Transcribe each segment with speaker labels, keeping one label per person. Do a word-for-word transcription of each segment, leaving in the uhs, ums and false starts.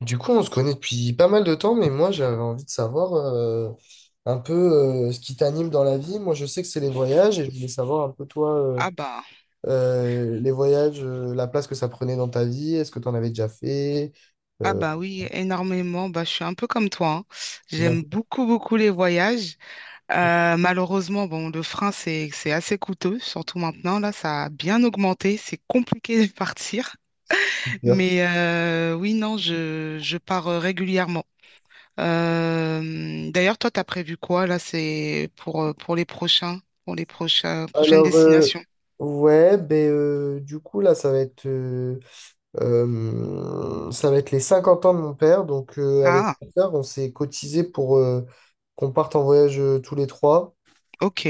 Speaker 1: Du coup, on se connaît depuis pas mal de temps, mais moi, j'avais envie de savoir euh, un peu euh, ce qui t'anime dans la vie. Moi, je sais que c'est les voyages et je voulais savoir un peu toi, euh,
Speaker 2: Ah bah,
Speaker 1: euh, les voyages, euh, la place que ça prenait dans ta vie. Est-ce que tu en avais déjà fait?
Speaker 2: ah
Speaker 1: Euh,
Speaker 2: bah oui, énormément. Bah, je suis un peu comme toi, hein.
Speaker 1: Comment
Speaker 2: J'aime
Speaker 1: tu
Speaker 2: beaucoup, beaucoup les voyages. Euh, malheureusement, bon, le frein, c'est, c'est assez coûteux, surtout maintenant. Là, ça a bien augmenté. C'est compliqué de partir.
Speaker 1: peux faire?
Speaker 2: Mais euh, oui, non, je, je pars euh, régulièrement. Euh, d'ailleurs, toi, t'as prévu quoi là, c'est pour, euh, pour les prochains, pour les prochains, prochaines
Speaker 1: Alors, euh,
Speaker 2: destinations?
Speaker 1: ouais, ben, euh, du coup, là, ça va être, euh, euh, ça va être les cinquante ans de mon père. Donc, euh, avec
Speaker 2: Ah,
Speaker 1: mon père, on s'est cotisé pour euh, qu'on parte en voyage euh, tous les trois.
Speaker 2: ok,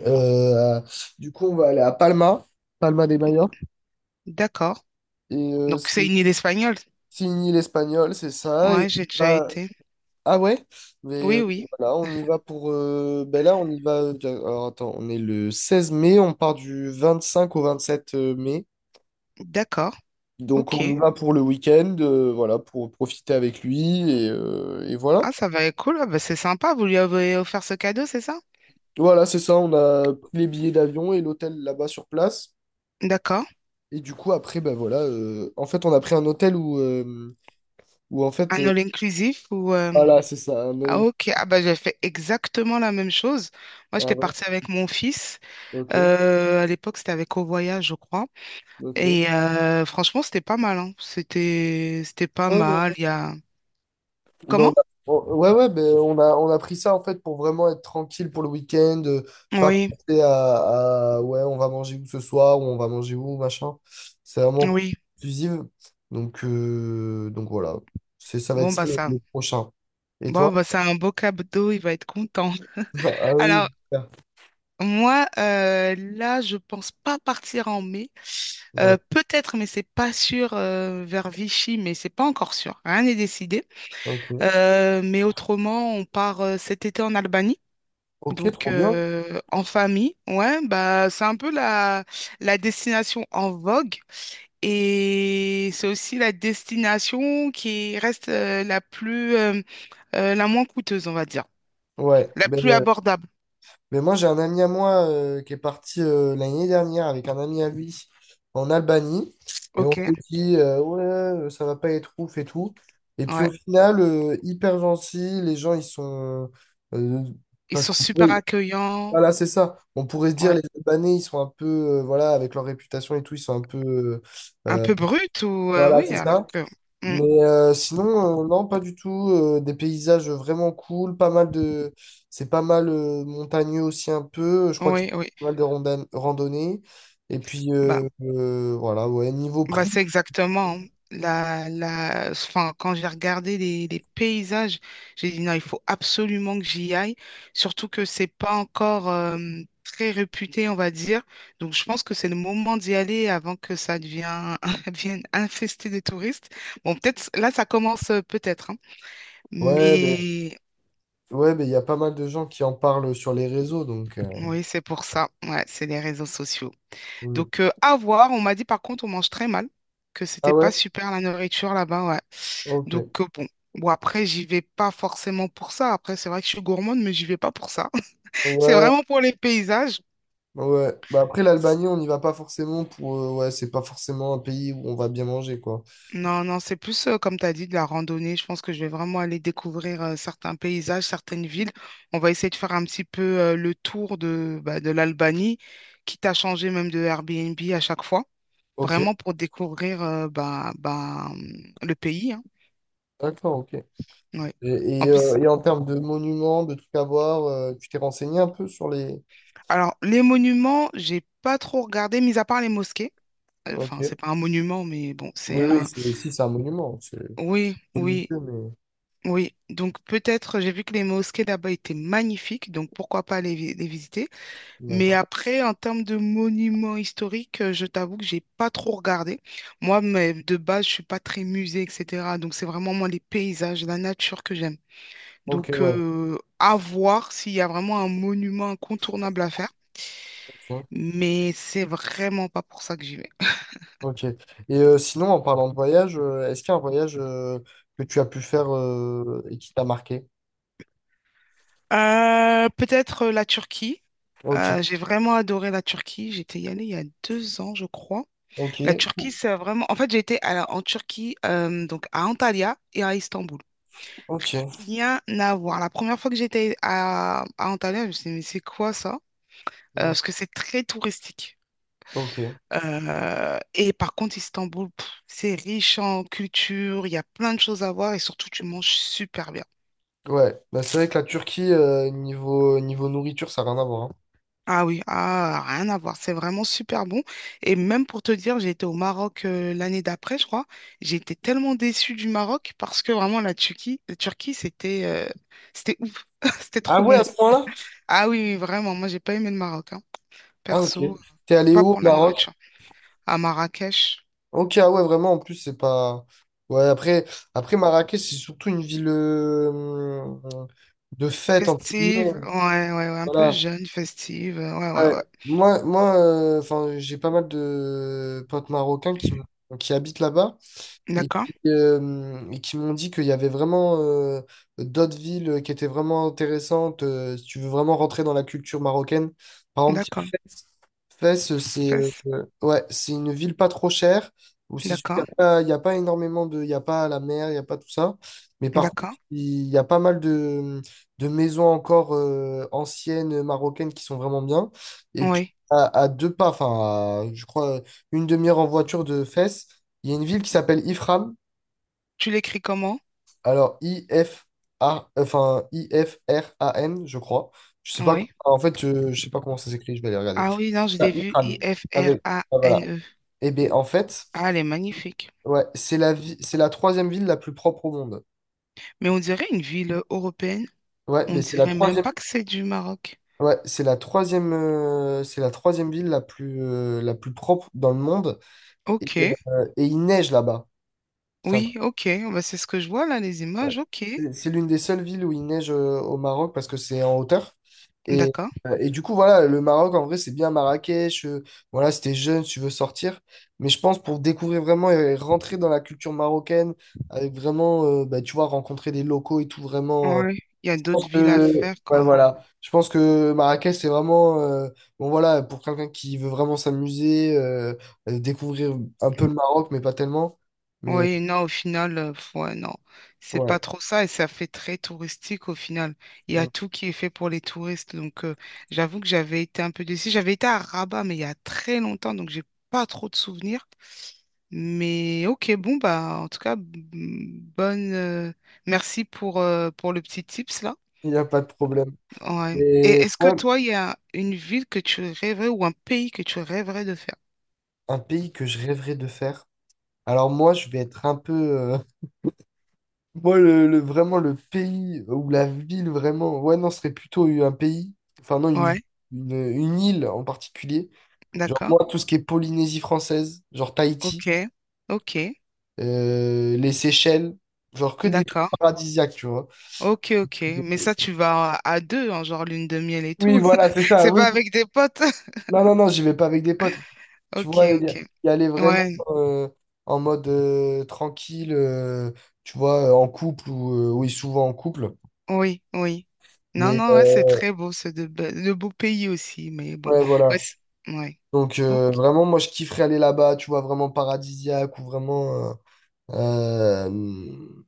Speaker 1: Euh, du coup, on va aller à Palma, Palma de Mallorca.
Speaker 2: d'accord.
Speaker 1: Et euh,
Speaker 2: Donc, c'est
Speaker 1: c'est
Speaker 2: une île espagnole.
Speaker 1: c'est une île espagnole, c'est ça. Et
Speaker 2: Ouais, j'ai
Speaker 1: on
Speaker 2: déjà
Speaker 1: va-
Speaker 2: été.
Speaker 1: ah ouais? Mais
Speaker 2: Oui,
Speaker 1: euh,
Speaker 2: oui,
Speaker 1: voilà, on y va pour. euh, Ben là, on y va. euh, Alors attends, on est le seize mai, on part du vingt-cinq au vingt-sept mai.
Speaker 2: d'accord.
Speaker 1: Donc on
Speaker 2: Ok.
Speaker 1: y va pour le week-end, euh, voilà, pour profiter avec lui. Et, euh, et voilà.
Speaker 2: Ah, ça va être cool. Ah, bah, c'est sympa. Vous lui avez offert ce cadeau, c'est ça?
Speaker 1: Voilà, c'est ça. On a pris les billets d'avion et l'hôtel là-bas sur place.
Speaker 2: D'accord.
Speaker 1: Et du coup, après, ben voilà. euh, En fait, on a pris un hôtel où. Euh, où en fait
Speaker 2: Un all-inclusif ou... euh,
Speaker 1: voilà, c'est ça, un
Speaker 2: Ah,
Speaker 1: Olymp-
Speaker 2: ok. Ah, bah, j'ai fait exactement la même chose. Moi,
Speaker 1: ah
Speaker 2: j'étais
Speaker 1: ouais,
Speaker 2: partie avec mon fils.
Speaker 1: ok,
Speaker 2: Euh, à l'époque, c'était avec Au Voyage, je crois.
Speaker 1: ok. Ouais,
Speaker 2: Et euh, franchement, c'était pas mal, hein. C'était... c'était pas
Speaker 1: ouais,
Speaker 2: mal.
Speaker 1: ouais.
Speaker 2: Il y a...
Speaker 1: Ben, on
Speaker 2: Comment?
Speaker 1: a, on- ouais, ouais, ben, on a, on a pris ça en fait pour vraiment être tranquille pour le week-end, euh, pas
Speaker 2: Oui,
Speaker 1: penser à, à, ouais, on va manger où ce soir, ou on va manger où, machin. C'est vraiment
Speaker 2: oui.
Speaker 1: exclusive. Donc, euh, donc voilà, c'est, ça va être
Speaker 2: Bon,
Speaker 1: ça
Speaker 2: bah,
Speaker 1: le,
Speaker 2: ça...
Speaker 1: le prochain. Et
Speaker 2: Bon,
Speaker 1: toi?
Speaker 2: bah, c'est un beau cadeau. Il va être content.
Speaker 1: Ah oui,
Speaker 2: Alors
Speaker 1: super.
Speaker 2: moi, euh, là, je pense pas partir en mai. Euh,
Speaker 1: Ouais,
Speaker 2: peut-être, mais c'est pas sûr euh, vers Vichy, mais c'est pas encore sûr. Rien n'est décidé.
Speaker 1: ok.
Speaker 2: Euh, mais autrement, on part euh, cet été en Albanie.
Speaker 1: Ok,
Speaker 2: Donc
Speaker 1: trop bien.
Speaker 2: euh, en famille, ouais, bah c'est un peu la, la destination en vogue et c'est aussi la destination qui reste euh, la plus euh, euh, la moins coûteuse, on va dire,
Speaker 1: Ouais,
Speaker 2: la plus
Speaker 1: ben,
Speaker 2: abordable.
Speaker 1: mais moi, j'ai un ami à moi euh, qui est parti euh, l'année dernière avec un ami à lui en Albanie. Et on
Speaker 2: Ok,
Speaker 1: s'est dit, euh, ouais, euh, ça va pas être ouf et tout. Et puis au
Speaker 2: ouais,
Speaker 1: final, euh, hyper gentil, les gens, ils sont... euh,
Speaker 2: ils
Speaker 1: parce
Speaker 2: sont
Speaker 1: qu'on pourrait...
Speaker 2: super accueillants.
Speaker 1: voilà, c'est ça. On pourrait se dire,
Speaker 2: Ouais.
Speaker 1: les Albanais, ils sont un peu, euh, voilà, avec leur réputation et tout, ils sont un peu... euh,
Speaker 2: Un
Speaker 1: euh,
Speaker 2: peu brute ou euh,
Speaker 1: voilà,
Speaker 2: oui,
Speaker 1: c'est
Speaker 2: alors
Speaker 1: ça.
Speaker 2: que mm.
Speaker 1: Mais euh, sinon, euh, non, pas du tout. Euh, des paysages vraiment cool, pas mal de. C'est pas mal euh, montagneux aussi un peu. Je crois qu'il y
Speaker 2: Oui,
Speaker 1: a
Speaker 2: oui.
Speaker 1: pas mal de rondan- randonnées. Et puis
Speaker 2: Bah,
Speaker 1: euh, euh, voilà, ouais, niveau
Speaker 2: bah
Speaker 1: prix.
Speaker 2: c'est exactement la, la enfin, quand j'ai regardé les, les paysages, j'ai dit non, il faut absolument que j'y aille, surtout que c'est pas encore euh, très réputé, on va dire. Donc je pense que c'est le moment d'y aller avant que ça devienne, devienne infesté de touristes. Bon, peut-être là ça commence euh, peut-être, hein.
Speaker 1: Ouais, ben
Speaker 2: Mais
Speaker 1: ouais, ben, il y a pas mal de gens qui en parlent sur les réseaux, donc. Euh,
Speaker 2: oui, c'est pour ça. Ouais, c'est les réseaux sociaux.
Speaker 1: mm.
Speaker 2: Donc, euh, à voir. On m'a dit, par contre, on mange très mal, que
Speaker 1: Ah
Speaker 2: c'était pas
Speaker 1: ouais?
Speaker 2: super la nourriture là-bas, ouais.
Speaker 1: Ok.
Speaker 2: Donc, euh, bon. Bon, après, j'y vais pas forcément pour ça. Après, c'est vrai que je suis gourmande, mais j'y vais pas pour ça. C'est
Speaker 1: Ouais,
Speaker 2: vraiment pour les paysages.
Speaker 1: ouais. Bah après l'Albanie, on n'y va pas forcément pour. Euh, ouais, c'est pas forcément un pays où on va bien manger, quoi.
Speaker 2: Non, non, c'est plus, euh, comme tu as dit, de la randonnée. Je pense que je vais vraiment aller découvrir euh, certains paysages, certaines villes. On va essayer de faire un petit peu euh, le tour de, bah, de l'Albanie, quitte à changer même de Airbnb à chaque fois,
Speaker 1: Ok,
Speaker 2: vraiment pour découvrir euh, bah, bah, hum, le pays, hein.
Speaker 1: d'accord, ok. Et,
Speaker 2: Oui. En
Speaker 1: et, euh,
Speaker 2: plus,
Speaker 1: et en termes de monuments, de trucs à voir, euh, tu t'es renseigné un peu sur les...
Speaker 2: alors, les monuments, j'ai pas trop regardé, mis à part les mosquées.
Speaker 1: ok.
Speaker 2: Enfin, c'est pas un monument, mais bon,
Speaker 1: Oui,
Speaker 2: c'est
Speaker 1: oui,
Speaker 2: un.
Speaker 1: c'est, si, c'est un monument, c'est
Speaker 2: Oui, oui,
Speaker 1: religieux, mais...
Speaker 2: oui. Donc, peut-être, j'ai vu que les mosquées là-bas étaient magnifiques, donc pourquoi pas les, vi- les visiter. Mais
Speaker 1: d'accord.
Speaker 2: après, en termes de monuments historiques, euh, je t'avoue que j'ai pas trop regardé. Moi, mais de base, je suis pas très musée, et cetera. Donc, c'est vraiment moi les paysages, la nature que j'aime.
Speaker 1: Ok,
Speaker 2: Donc,
Speaker 1: ouais,
Speaker 2: euh, à voir s'il y a vraiment un monument incontournable à faire.
Speaker 1: ok.
Speaker 2: Mais c'est vraiment pas pour ça que j'y vais.
Speaker 1: Ok. Et euh, sinon, en parlant de voyage, euh, est-ce qu'il y a un voyage euh, que tu as pu faire euh, et qui t'a marqué?
Speaker 2: Euh, peut-être euh, la Turquie.
Speaker 1: Ok,
Speaker 2: Euh, j'ai vraiment adoré la Turquie. J'étais y allée il y a deux ans, je crois. La
Speaker 1: ok,
Speaker 2: Turquie, c'est vraiment... En fait, j'ai été à la- en Turquie, euh, donc à Antalya et à Istanbul.
Speaker 1: ok.
Speaker 2: Rien à voir. La première fois que j'étais à, à Antalya, je me suis dit, mais c'est quoi ça? Euh,
Speaker 1: Mm.
Speaker 2: parce que c'est très touristique.
Speaker 1: Ok.
Speaker 2: Euh, et par contre, Istanbul, pff, c'est riche en culture, il y a plein de choses à voir et surtout, tu manges super bien.
Speaker 1: Ouais, bah, c'est vrai que la Turquie, euh, niveau, niveau nourriture, ça n'a rien à voir, hein.
Speaker 2: Ah oui, ah, rien à voir. C'est vraiment super bon. Et même pour te dire, j'ai été au Maroc euh, l'année d'après, je crois. J'ai été tellement déçue du Maroc parce que vraiment la Turquie, la Turquie, c'était euh, c'était ouf. C'était
Speaker 1: Ah
Speaker 2: trop
Speaker 1: ouais,
Speaker 2: bon.
Speaker 1: à ce point-là?
Speaker 2: Ah oui, oui, vraiment. Moi, j'ai pas aimé le Maroc, hein.
Speaker 1: Ah ok.
Speaker 2: Perso,
Speaker 1: T'es allé
Speaker 2: pas
Speaker 1: où au
Speaker 2: pour la
Speaker 1: Maroc?
Speaker 2: nourriture. À Marrakech,
Speaker 1: Ok, ah ouais, vraiment, en plus, c'est pas. Ouais, après, après Marrakech, c'est surtout une ville euh, de fête, entre
Speaker 2: festive.
Speaker 1: guillemets.
Speaker 2: Ouais, ouais, ouais, un peu
Speaker 1: Voilà.
Speaker 2: jeune, festive. euh, Ouais, ouais,
Speaker 1: Ouais.
Speaker 2: ouais.
Speaker 1: Moi, moi euh, enfin, j'ai pas mal de potes marocains qui, qui habitent là-bas et
Speaker 2: D'accord,
Speaker 1: qui, euh, et qui m'ont dit qu'il y avait vraiment euh, d'autres villes qui étaient vraiment intéressantes. Euh, si tu veux vraiment rentrer dans la culture marocaine, par exemple, il
Speaker 2: d'accord.
Speaker 1: y a Fès. Fès, c'est euh,
Speaker 2: Fes,
Speaker 1: euh, ouais, c'est une ville pas trop chère où c'est il y
Speaker 2: d'accord,
Speaker 1: a pas, il y a pas énormément de, il y a pas la mer, il n'y a pas tout ça. Mais par contre,
Speaker 2: d'accord.
Speaker 1: il y a pas mal de, de maisons encore euh, anciennes marocaines qui sont vraiment bien. Et puis
Speaker 2: Oui.
Speaker 1: à, à deux pas, enfin, à, je crois une demi-heure en voiture de Fès. Il y a une ville qui s'appelle Ifram.
Speaker 2: Tu l'écris comment?
Speaker 1: Alors, I-F-A, enfin, I F R A N, je crois. Je sais pas,
Speaker 2: Oui.
Speaker 1: en fait, je, je sais pas comment ça s'écrit, je vais aller regarder.
Speaker 2: Ah oui, non, je
Speaker 1: Ah,
Speaker 2: l'ai vu,
Speaker 1: Ifram. Avec, ah, voilà.
Speaker 2: I-F-R-A-N-E.
Speaker 1: Et bien, en fait,
Speaker 2: Ah, elle est magnifique.
Speaker 1: ouais, c'est la vi- c'est la troisième ville la plus propre au monde.
Speaker 2: Mais on dirait une ville européenne.
Speaker 1: Ouais, mais
Speaker 2: On
Speaker 1: c'est la
Speaker 2: dirait même
Speaker 1: troisième,
Speaker 2: pas que c'est du Maroc.
Speaker 1: ouais, c'est la troisième, euh, c'est la troisième ville la plus, euh, la plus propre dans le monde. Et,
Speaker 2: Ok,
Speaker 1: euh, et il neige là-bas. C'est un
Speaker 2: oui, ok. Bah, c'est ce que je vois là, les
Speaker 1: Ouais.
Speaker 2: images. Ok,
Speaker 1: C'est c'est l'une des seules villes où il neige euh, au Maroc parce que c'est en hauteur. Et,
Speaker 2: d'accord.
Speaker 1: euh, et du coup, voilà, le Maroc, en vrai, c'est bien Marrakech. Euh, voilà, si t'es jeune, si tu veux sortir. Mais je pense pour découvrir vraiment et rentrer dans la culture marocaine, avec vraiment, euh, bah, tu vois, rencontrer des locaux et tout, vraiment. Euh,
Speaker 2: Ouais, il y a
Speaker 1: je pense
Speaker 2: d'autres villes à
Speaker 1: que,
Speaker 2: faire
Speaker 1: ouais,
Speaker 2: quand.
Speaker 1: voilà. Je pense que Marrakech, c'est vraiment, euh, bon, voilà, pour quelqu'un qui veut vraiment s'amuser, euh, euh, découvrir un peu le Maroc, mais pas tellement. Mais
Speaker 2: Oui, non, au final, euh, pff, ouais, non. C'est pas
Speaker 1: ouais,
Speaker 2: trop ça et ça fait très touristique au final. Il y a tout qui est fait pour les touristes. Donc, euh, j'avoue que j'avais été un peu déçue. J'avais été à Rabat, mais il y a très longtemps, donc j'ai pas trop de souvenirs. Mais ok, bon, bah, en tout cas, m- bonne. Euh, merci pour, euh, pour le petit tips là.
Speaker 1: il n'y a pas de problème.
Speaker 2: Ouais. Et
Speaker 1: Et
Speaker 2: est-ce que
Speaker 1: ouais,
Speaker 2: toi, il y a une ville que tu rêverais ou un pays que tu rêverais de faire?
Speaker 1: un pays que je rêverais de faire. Alors moi, je vais être un peu... euh, moi, le, le- vraiment, le pays ou la ville, vraiment... ouais, non, ce serait plutôt un pays. Enfin, non, une,
Speaker 2: Ouais,
Speaker 1: une, une île en particulier. Genre,
Speaker 2: d'accord.
Speaker 1: moi, tout ce qui est Polynésie française, genre
Speaker 2: Ok,
Speaker 1: Tahiti,
Speaker 2: ok,
Speaker 1: euh, les Seychelles, genre que des trucs
Speaker 2: d'accord.
Speaker 1: paradisiaques, tu vois.
Speaker 2: Ok, ok. Mais ça, tu vas à à deux, en genre lune de miel et
Speaker 1: Oui,
Speaker 2: tout.
Speaker 1: voilà, c'est ça,
Speaker 2: C'est
Speaker 1: oui.
Speaker 2: pas avec des potes.
Speaker 1: Non, non, non, j'y vais pas avec des potes. Tu
Speaker 2: Ok,
Speaker 1: vois, y,
Speaker 2: ok.
Speaker 1: y aller vraiment
Speaker 2: Ouais,
Speaker 1: euh, en mode euh, tranquille, euh, tu vois, euh, en couple ou euh, oui, souvent en couple.
Speaker 2: oui, oui. Non,
Speaker 1: Mais
Speaker 2: non, ouais,
Speaker 1: euh,
Speaker 2: c'est très beau, c'est de, be- de beaux pays aussi, mais bon.
Speaker 1: ouais,
Speaker 2: Ouais,
Speaker 1: voilà.
Speaker 2: c'est- ouais.
Speaker 1: Donc
Speaker 2: Ok,
Speaker 1: euh, vraiment, moi, je kifferais aller là-bas, tu vois, vraiment paradisiaque ou vraiment, euh, euh,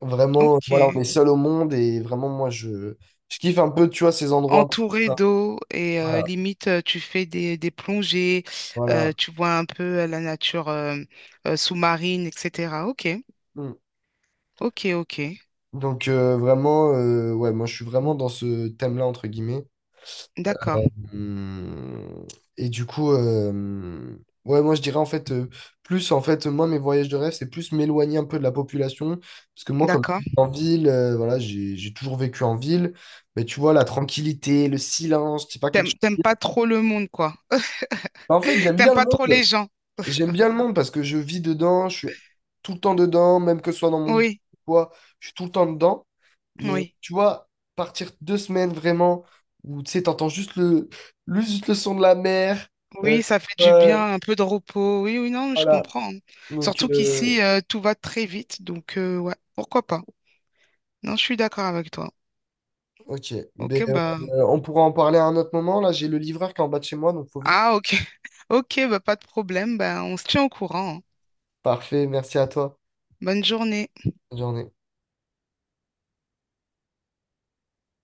Speaker 1: vraiment, voilà, on
Speaker 2: ok.
Speaker 1: est seul au monde et vraiment, moi, je, je kiffe un peu, tu vois, ces endroits comme
Speaker 2: Entouré
Speaker 1: ça.
Speaker 2: d'eau et euh,
Speaker 1: Voilà,
Speaker 2: limite euh, tu fais des, des plongées, euh,
Speaker 1: voilà.
Speaker 2: tu vois un peu euh, la nature euh, euh, sous-marine, et cetera. Ok,
Speaker 1: Mm.
Speaker 2: ok, ok.
Speaker 1: Donc euh, vraiment, euh, ouais, moi, je suis vraiment dans ce thème-là entre guillemets.
Speaker 2: D'accord,
Speaker 1: Hum. Et du coup, euh, ouais, moi je dirais en fait, euh, plus en fait, moi mes voyages de rêve, c'est plus m'éloigner un peu de la population. Parce que moi, comme je
Speaker 2: d'accord.
Speaker 1: vis en ville, euh, voilà, j'ai, j'ai toujours vécu en ville. Mais tu vois, la tranquillité, le silence, c'est pas quelque chose.
Speaker 2: T'aimes, t'aimes
Speaker 1: qui-
Speaker 2: pas trop le monde, quoi.
Speaker 1: Bah, en fait, j'aime
Speaker 2: T'aimes
Speaker 1: bien le
Speaker 2: pas trop
Speaker 1: monde.
Speaker 2: les gens.
Speaker 1: J'aime bien le monde parce que je vis dedans, je suis tout le temps dedans, même que ce soit dans mon boulot
Speaker 2: Oui,
Speaker 1: ou quoi, je suis tout le temps dedans. Mais
Speaker 2: oui.
Speaker 1: tu vois, partir deux semaines vraiment, où tu sais, t'entends juste le, le- juste le son de la mer. euh,
Speaker 2: Oui, ça fait du
Speaker 1: ouais,
Speaker 2: bien, un peu de repos. Oui, oui, non, je
Speaker 1: voilà.
Speaker 2: comprends.
Speaker 1: Donc,
Speaker 2: Surtout
Speaker 1: euh,
Speaker 2: qu'ici, euh, tout va très vite. Donc, euh, ouais, pourquoi pas? Non, je suis d'accord avec toi.
Speaker 1: ok. Ben,
Speaker 2: Ok, bah.
Speaker 1: euh, on pourra en parler à un autre moment. Là, j'ai le livreur qui est en bas de chez moi, donc faut vite.
Speaker 2: Ah, ok. Ok, bah, pas de problème. Bah, on se tient au courant, hein.
Speaker 1: Parfait, merci à toi.
Speaker 2: Bonne journée.
Speaker 1: Bonne journée.